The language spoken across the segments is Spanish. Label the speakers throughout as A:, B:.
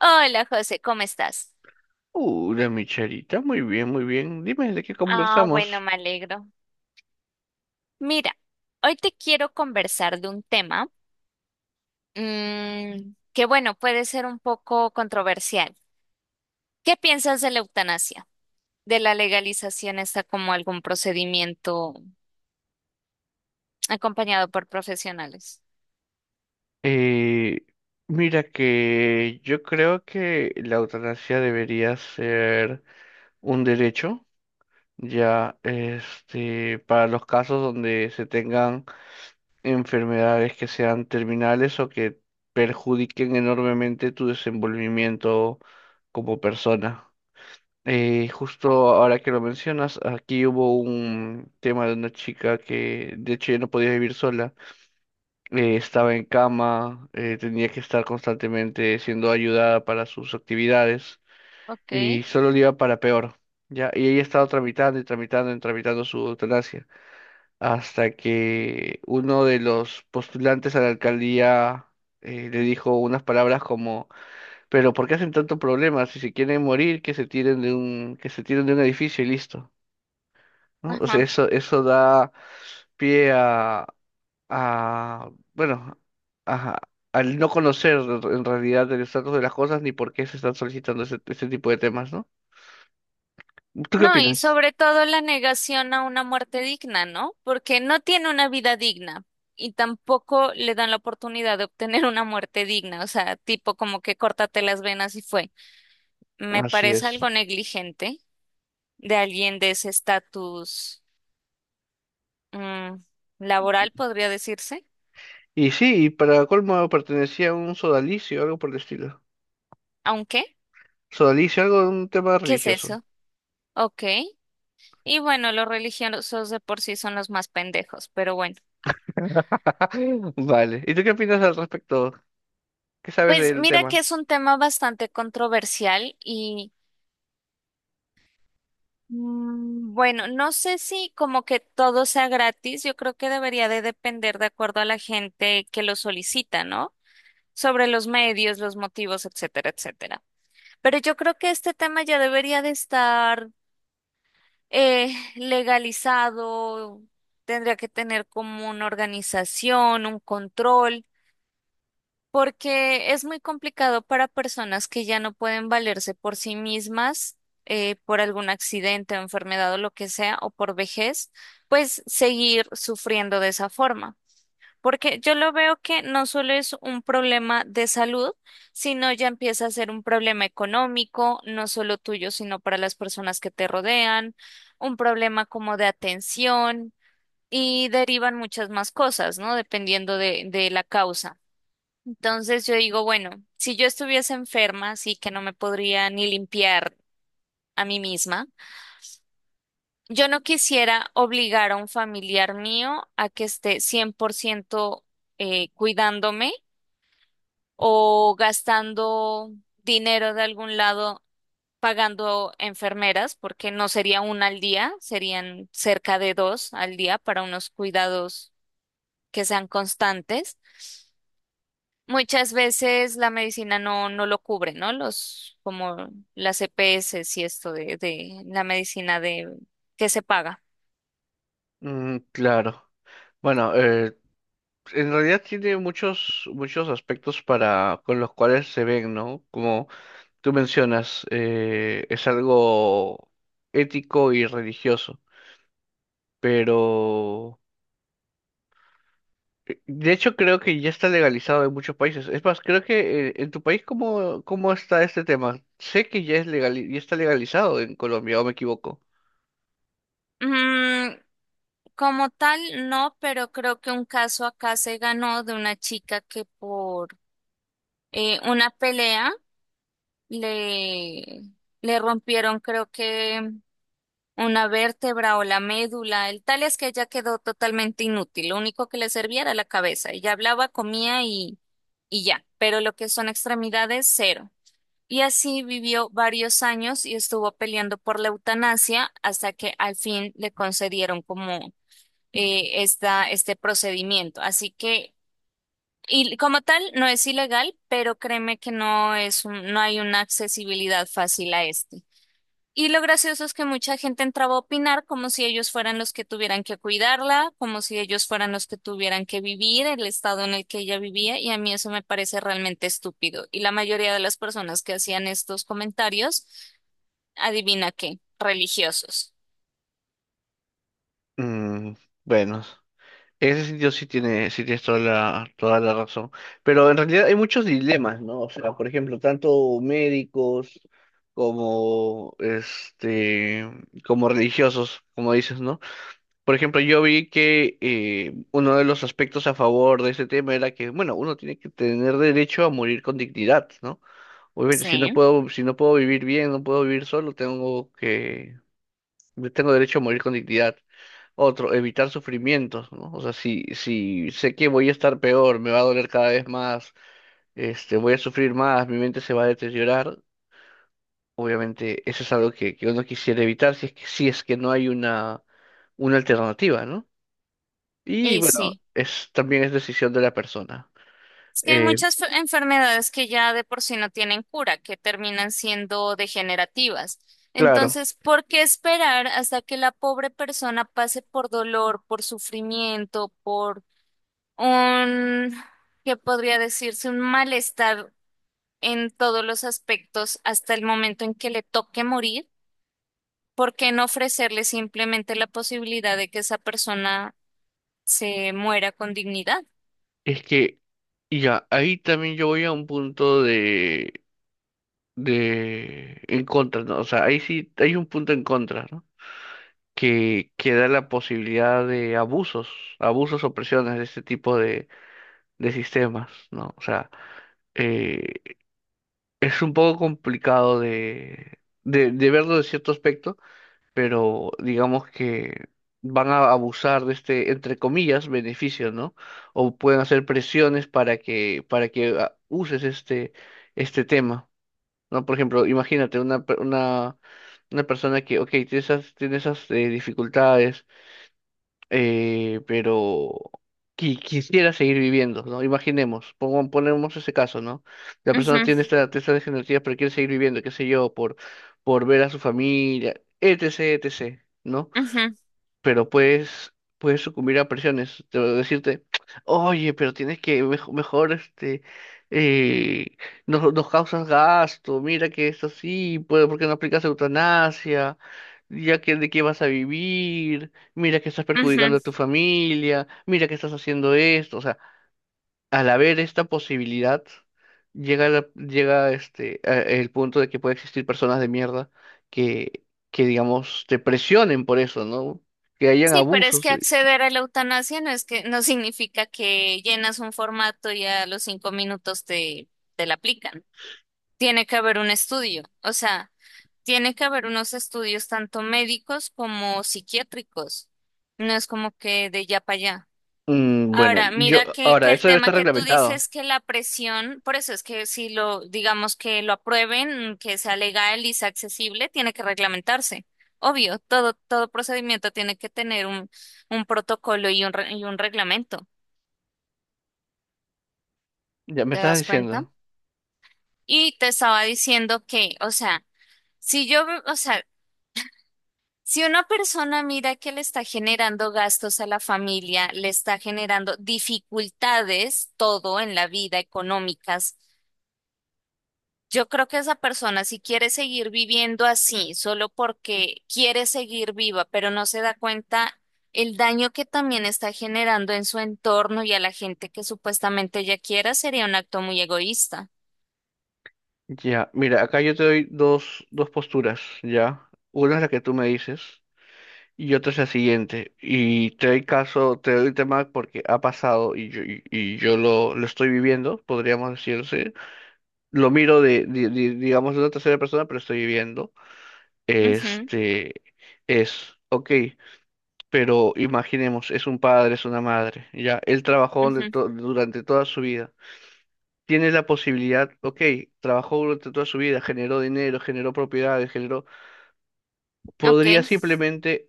A: Hola José, ¿cómo estás?
B: Hola, mi charita, muy bien, muy bien. Dime de qué
A: Ah, bueno,
B: conversamos.
A: me alegro. Mira, hoy te quiero conversar de un tema que, bueno, puede ser un poco controversial. ¿Qué piensas de la eutanasia? ¿De la legalización está como algún procedimiento acompañado por profesionales?
B: Eh, Mira que yo creo que la eutanasia debería ser un derecho, ya para los casos donde se tengan enfermedades que sean terminales o que perjudiquen enormemente tu desenvolvimiento como persona. Justo ahora que lo mencionas, aquí hubo un tema de una chica que de hecho ya no podía vivir sola. Estaba en cama, tenía que estar constantemente siendo ayudada para sus actividades
A: Ok.
B: y solo le iba para peor, ¿ya? Y ella estaba tramitando su eutanasia hasta que uno de los postulantes a la alcaldía le dijo unas palabras como, pero ¿por qué hacen tanto problema? Si se quieren morir, que se tiren de un edificio y listo, ¿no? O sea,
A: Ajá.
B: eso da pie a, bueno, a- al no conocer en realidad el estatus de las cosas ni por qué se están solicitando ese tipo de temas, ¿no? ¿Tú qué
A: No, y
B: opinas?
A: sobre todo la negación a una muerte digna, ¿no? Porque no tiene una vida digna y tampoco le dan la oportunidad de obtener una muerte digna, o sea, tipo como que córtate las venas y fue. Me
B: Así
A: parece
B: es.
A: algo negligente de alguien de ese estatus mm, laboral, podría decirse.
B: Y sí, y para colmo pertenecía a un sodalicio, algo por el estilo.
A: Aunque,
B: Sodalicio, algo de un tema
A: ¿qué es
B: religioso.
A: eso? Ok. Y bueno, los religiosos de por sí son los más pendejos, pero bueno.
B: Vale. ¿Y tú qué opinas al respecto? ¿Qué sabes
A: Pues
B: del
A: mira que
B: tema?
A: es un tema bastante controversial y... Mm, bueno, no sé si como que todo sea gratis, yo creo que debería de depender de acuerdo a la gente que lo solicita, ¿no? Sobre los medios, los motivos, etcétera, etcétera. Pero yo creo que este tema ya debería de estar legalizado, tendría que tener como una organización, un control. Porque es muy complicado para personas que ya no pueden valerse por sí mismas, por algún accidente o enfermedad o lo que sea, o por vejez, pues seguir sufriendo de esa forma. Porque yo lo veo que no solo es un problema de salud, sino ya empieza a ser un problema económico, no solo tuyo, sino para las personas que te rodean, un problema como de atención y derivan muchas más cosas, ¿no? Dependiendo de la causa. Entonces yo digo, bueno, si yo estuviese enferma, así que no me podría ni limpiar a mí misma, yo no quisiera obligar a un familiar mío a que esté 100% cuidándome o gastando dinero de algún lado pagando enfermeras, porque no sería una al día, serían cerca de dos al día para unos cuidados que sean constantes. Muchas veces la medicina no lo cubre, ¿no? Los, como las EPS y esto de la medicina de que se paga.
B: Mm, claro. Bueno, en realidad tiene muchos aspectos para, con los cuales se ven, ¿no? Como tú mencionas, es algo ético y religioso, pero de hecho creo que ya está legalizado en muchos países. Es más, creo que en tu país, ¿cómo está este tema? Sé que ya es legal, ya está legalizado en Colombia, ¿o me equivoco?
A: Mm, como tal, no, pero creo que un caso acá se ganó de una chica que por una pelea le, le rompieron, creo que una vértebra o la médula. El tal es que ella quedó totalmente inútil. Lo único que le servía era la cabeza. Ella hablaba, comía y ya. Pero lo que son extremidades, cero. Y así vivió varios años y estuvo peleando por la eutanasia hasta que al fin le concedieron como este procedimiento. Así que, y como tal, no es ilegal, pero créeme que no hay una accesibilidad fácil a esto. Y lo gracioso es que mucha gente entraba a opinar como si ellos fueran los que tuvieran que cuidarla, como si ellos fueran los que tuvieran que vivir el estado en el que ella vivía, y a mí eso me parece realmente estúpido. Y la mayoría de las personas que hacían estos comentarios, adivina qué, religiosos.
B: Mm, bueno. En ese sentido sí tiene, sí tienes toda la razón. Pero en realidad hay muchos dilemas, ¿no? O sea, por ejemplo, tanto médicos como como religiosos, como dices, ¿no? Por ejemplo, yo vi que uno de los aspectos a favor de ese tema era que, bueno, uno tiene que tener derecho a morir con dignidad, ¿no? Obviamente,
A: Sí.
B: si no puedo vivir bien, no puedo vivir solo, tengo derecho a morir con dignidad. Otro, evitar sufrimientos, ¿no? O sea, si sé que voy a estar peor, me va a doler cada vez más, voy a sufrir más, mi mente se va a deteriorar, obviamente eso es algo que uno quisiera evitar si es que no hay una alternativa, ¿no? Y
A: Y
B: bueno,
A: sí.
B: es, también es decisión de la persona.
A: Es que hay
B: Eh,
A: muchas enfermedades que ya de por sí no tienen cura, que terminan siendo degenerativas.
B: claro,
A: Entonces, ¿por qué esperar hasta que la pobre persona pase por dolor, por sufrimiento, por un, ¿qué podría decirse? Un malestar en todos los aspectos hasta el momento en que le toque morir. ¿Por qué no ofrecerle simplemente la posibilidad de que esa persona se muera con dignidad?
B: es que y ya, ahí también yo voy a un punto de en contra, ¿no? O sea, ahí sí hay un punto en contra, ¿no? Que da la posibilidad de abusos, abusos o presiones de este tipo de sistemas, ¿no? O sea, eh, es un poco complicado de verlo de cierto aspecto, pero digamos que van a abusar de este, entre comillas, beneficio, ¿no? O pueden hacer presiones para que uses este tema, ¿no? Por ejemplo, imagínate una persona que, ok, tiene esas dificultades, pero quisiera seguir viviendo, ¿no? Imaginemos, ponemos ese caso, ¿no? La persona
A: Ujú,
B: tiene esta degenerativa, pero quiere seguir viviendo, qué sé yo, por ver a su familia, etc., etc., ¿no?
A: ujú,
B: pero puedes sucumbir a presiones, te voy decirte, oye, pero tienes que mejor, eh, nos causas gasto, mira que es así, pues, ¿por qué no aplicas eutanasia? Ya que de qué vas a vivir, mira que estás perjudicando
A: ujú.
B: a tu familia, mira que estás haciendo esto, o sea, al haber esta posibilidad, llega el punto de que puede existir personas de mierda que, que, digamos, te presionen por eso, ¿no? Que hayan
A: Sí, pero es
B: abusos.
A: que acceder a la eutanasia no es que no significa que llenas un formato y a los 5 minutos te la aplican. Tiene que haber un estudio, o sea, tiene que haber unos estudios tanto médicos como psiquiátricos. No es como que de ya para allá.
B: Mm, bueno,
A: Ahora,
B: yo,
A: mira que
B: ahora,
A: el
B: eso debe
A: tema
B: estar
A: que tú
B: reglamentado.
A: dices que la presión, por eso es que si lo, digamos que lo aprueben, que sea legal y sea accesible, tiene que reglamentarse. Obvio, todo procedimiento tiene que tener un protocolo y un, y un reglamento.
B: Ya me
A: ¿Te
B: estás
A: das cuenta?
B: diciendo.
A: Y te estaba diciendo que, o sea, si yo, o sea, si una persona mira que le está generando gastos a la familia, le está generando dificultades, todo en la vida económicas. Yo creo que esa persona, si quiere seguir viviendo así, solo porque quiere seguir viva, pero no se da cuenta el daño que también está generando en su entorno y a la gente que supuestamente ella quiera, sería un acto muy egoísta.
B: Ya, mira, acá yo te doy dos posturas, ¿ya? Una es la que tú me dices y otra es la siguiente. Y te doy caso, te doy el tema porque ha pasado y yo lo estoy viviendo, podríamos decirse. Lo miro de, digamos, de una tercera persona, pero estoy viendo,
A: Ujú,
B: este, es, ok, pero imaginemos, es un padre, es una madre, ya, él trabajó
A: ujú,
B: durante toda su vida, tiene la posibilidad, ok, trabajó durante toda su vida, generó dinero, generó propiedades, generó,
A: Ok.
B: podría simplemente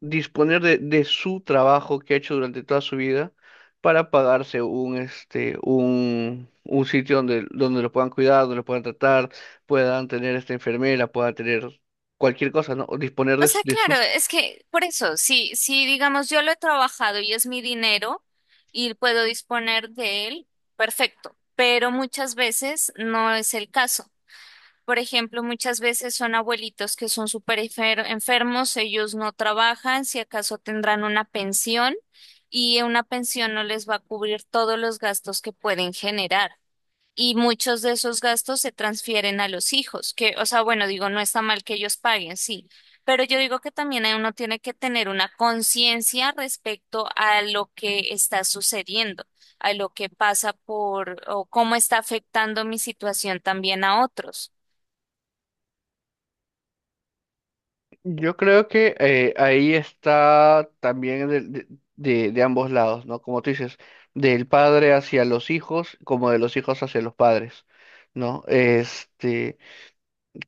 B: disponer de su trabajo que ha hecho durante toda su vida para pagarse un sitio donde lo puedan cuidar, donde lo puedan tratar, puedan tener esta enfermera, puedan tener cualquier cosa, ¿no? O disponer
A: O
B: de, su...
A: sea,
B: de su-
A: claro, es que por eso, si digamos yo lo he trabajado y es mi dinero y puedo disponer de él, perfecto, pero muchas veces no es el caso. Por ejemplo, muchas veces son abuelitos que son enfermos, ellos no trabajan, si acaso tendrán una pensión y una pensión no les va a cubrir todos los gastos que pueden generar. Y muchos de esos gastos se transfieren a los hijos, que, o sea, bueno, digo, no está mal que ellos paguen, sí, pero yo digo que también uno tiene que tener una conciencia respecto a lo que está sucediendo, a lo que pasa por o cómo está afectando mi situación también a otros.
B: Yo creo que ahí está también de ambos lados, ¿no? Como tú dices, del padre hacia los hijos, como de los hijos hacia los padres, ¿no?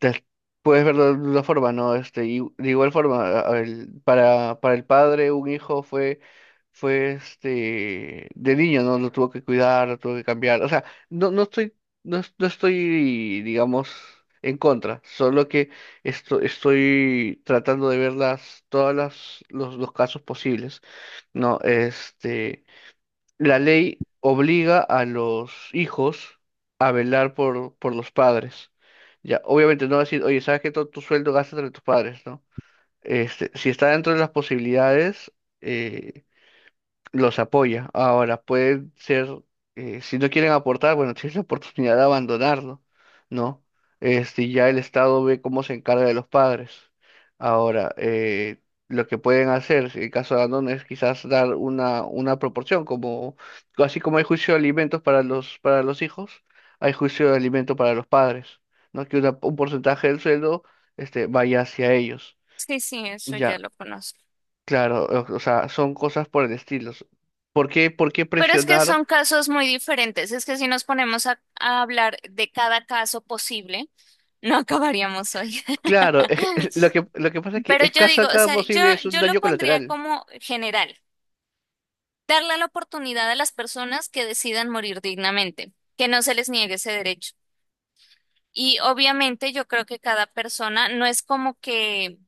B: te- Puedes verlo de una forma, ¿no? Y de igual forma, para el padre, un hijo fue de niño, ¿no? Lo tuvo que cuidar, lo tuvo que cambiar. O sea, no, no estoy, no estoy, digamos, en contra, solo que estoy tratando de ver las, todas las, los casos posibles, ¿no? La ley obliga a los hijos a velar por los padres. Ya, obviamente no va a decir, oye, sabes que todo tu sueldo gastas entre tus padres, ¿no? Si está dentro de las posibilidades, eh, los apoya. Ahora, puede ser, si no quieren aportar, bueno, tienes la oportunidad de abandonarlo, ¿no? Ya el Estado ve cómo se encarga de los padres. Ahora, lo que pueden hacer, si en caso de abandono, es quizás dar una proporción, como, así como hay juicio de alimentos para los hijos, hay juicio de alimentos para los padres, ¿no? Que un porcentaje del sueldo, vaya hacia ellos.
A: Sí, sí, eso ya
B: Ya,
A: lo conozco.
B: claro, o sea, son cosas por el estilo. ¿Por qué
A: Pero es que
B: presionar?
A: son casos muy diferentes. Es que si nos ponemos a hablar de cada caso posible, no acabaríamos hoy.
B: Claro, lo que pasa es que
A: Pero yo
B: escasa
A: digo, o
B: cada
A: sea,
B: posible es un
A: yo lo
B: daño
A: pondría
B: colateral.
A: como general, darle la oportunidad a las personas que decidan morir dignamente, que no se les niegue ese derecho. Y obviamente yo creo que cada persona no es como que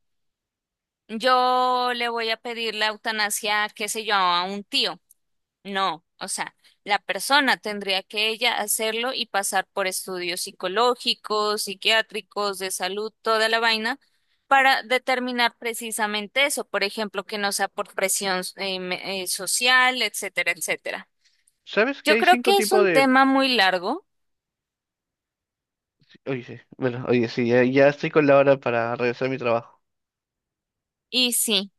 A: yo le voy a pedir la eutanasia, qué sé yo, a un tío. No, o sea, la persona tendría que ella hacerlo y pasar por estudios psicológicos, psiquiátricos, de salud, toda la vaina, para determinar precisamente eso, por ejemplo, que no sea por presión social, etcétera, etcétera.
B: ¿Sabes que
A: Yo
B: hay
A: creo
B: cinco
A: que es
B: tipos
A: un
B: de...
A: tema muy largo
B: Oye, sí, bueno, oye, sí, ya estoy con la hora para regresar a mi trabajo.
A: y sí,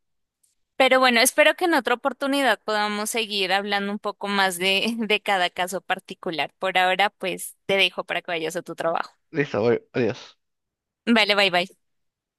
A: pero bueno, espero que en otra oportunidad podamos seguir hablando un poco más de, de cada caso particular. Por ahora, pues te dejo para que vayas a tu trabajo.
B: Listo, voy, adiós.
A: Vale, bye bye.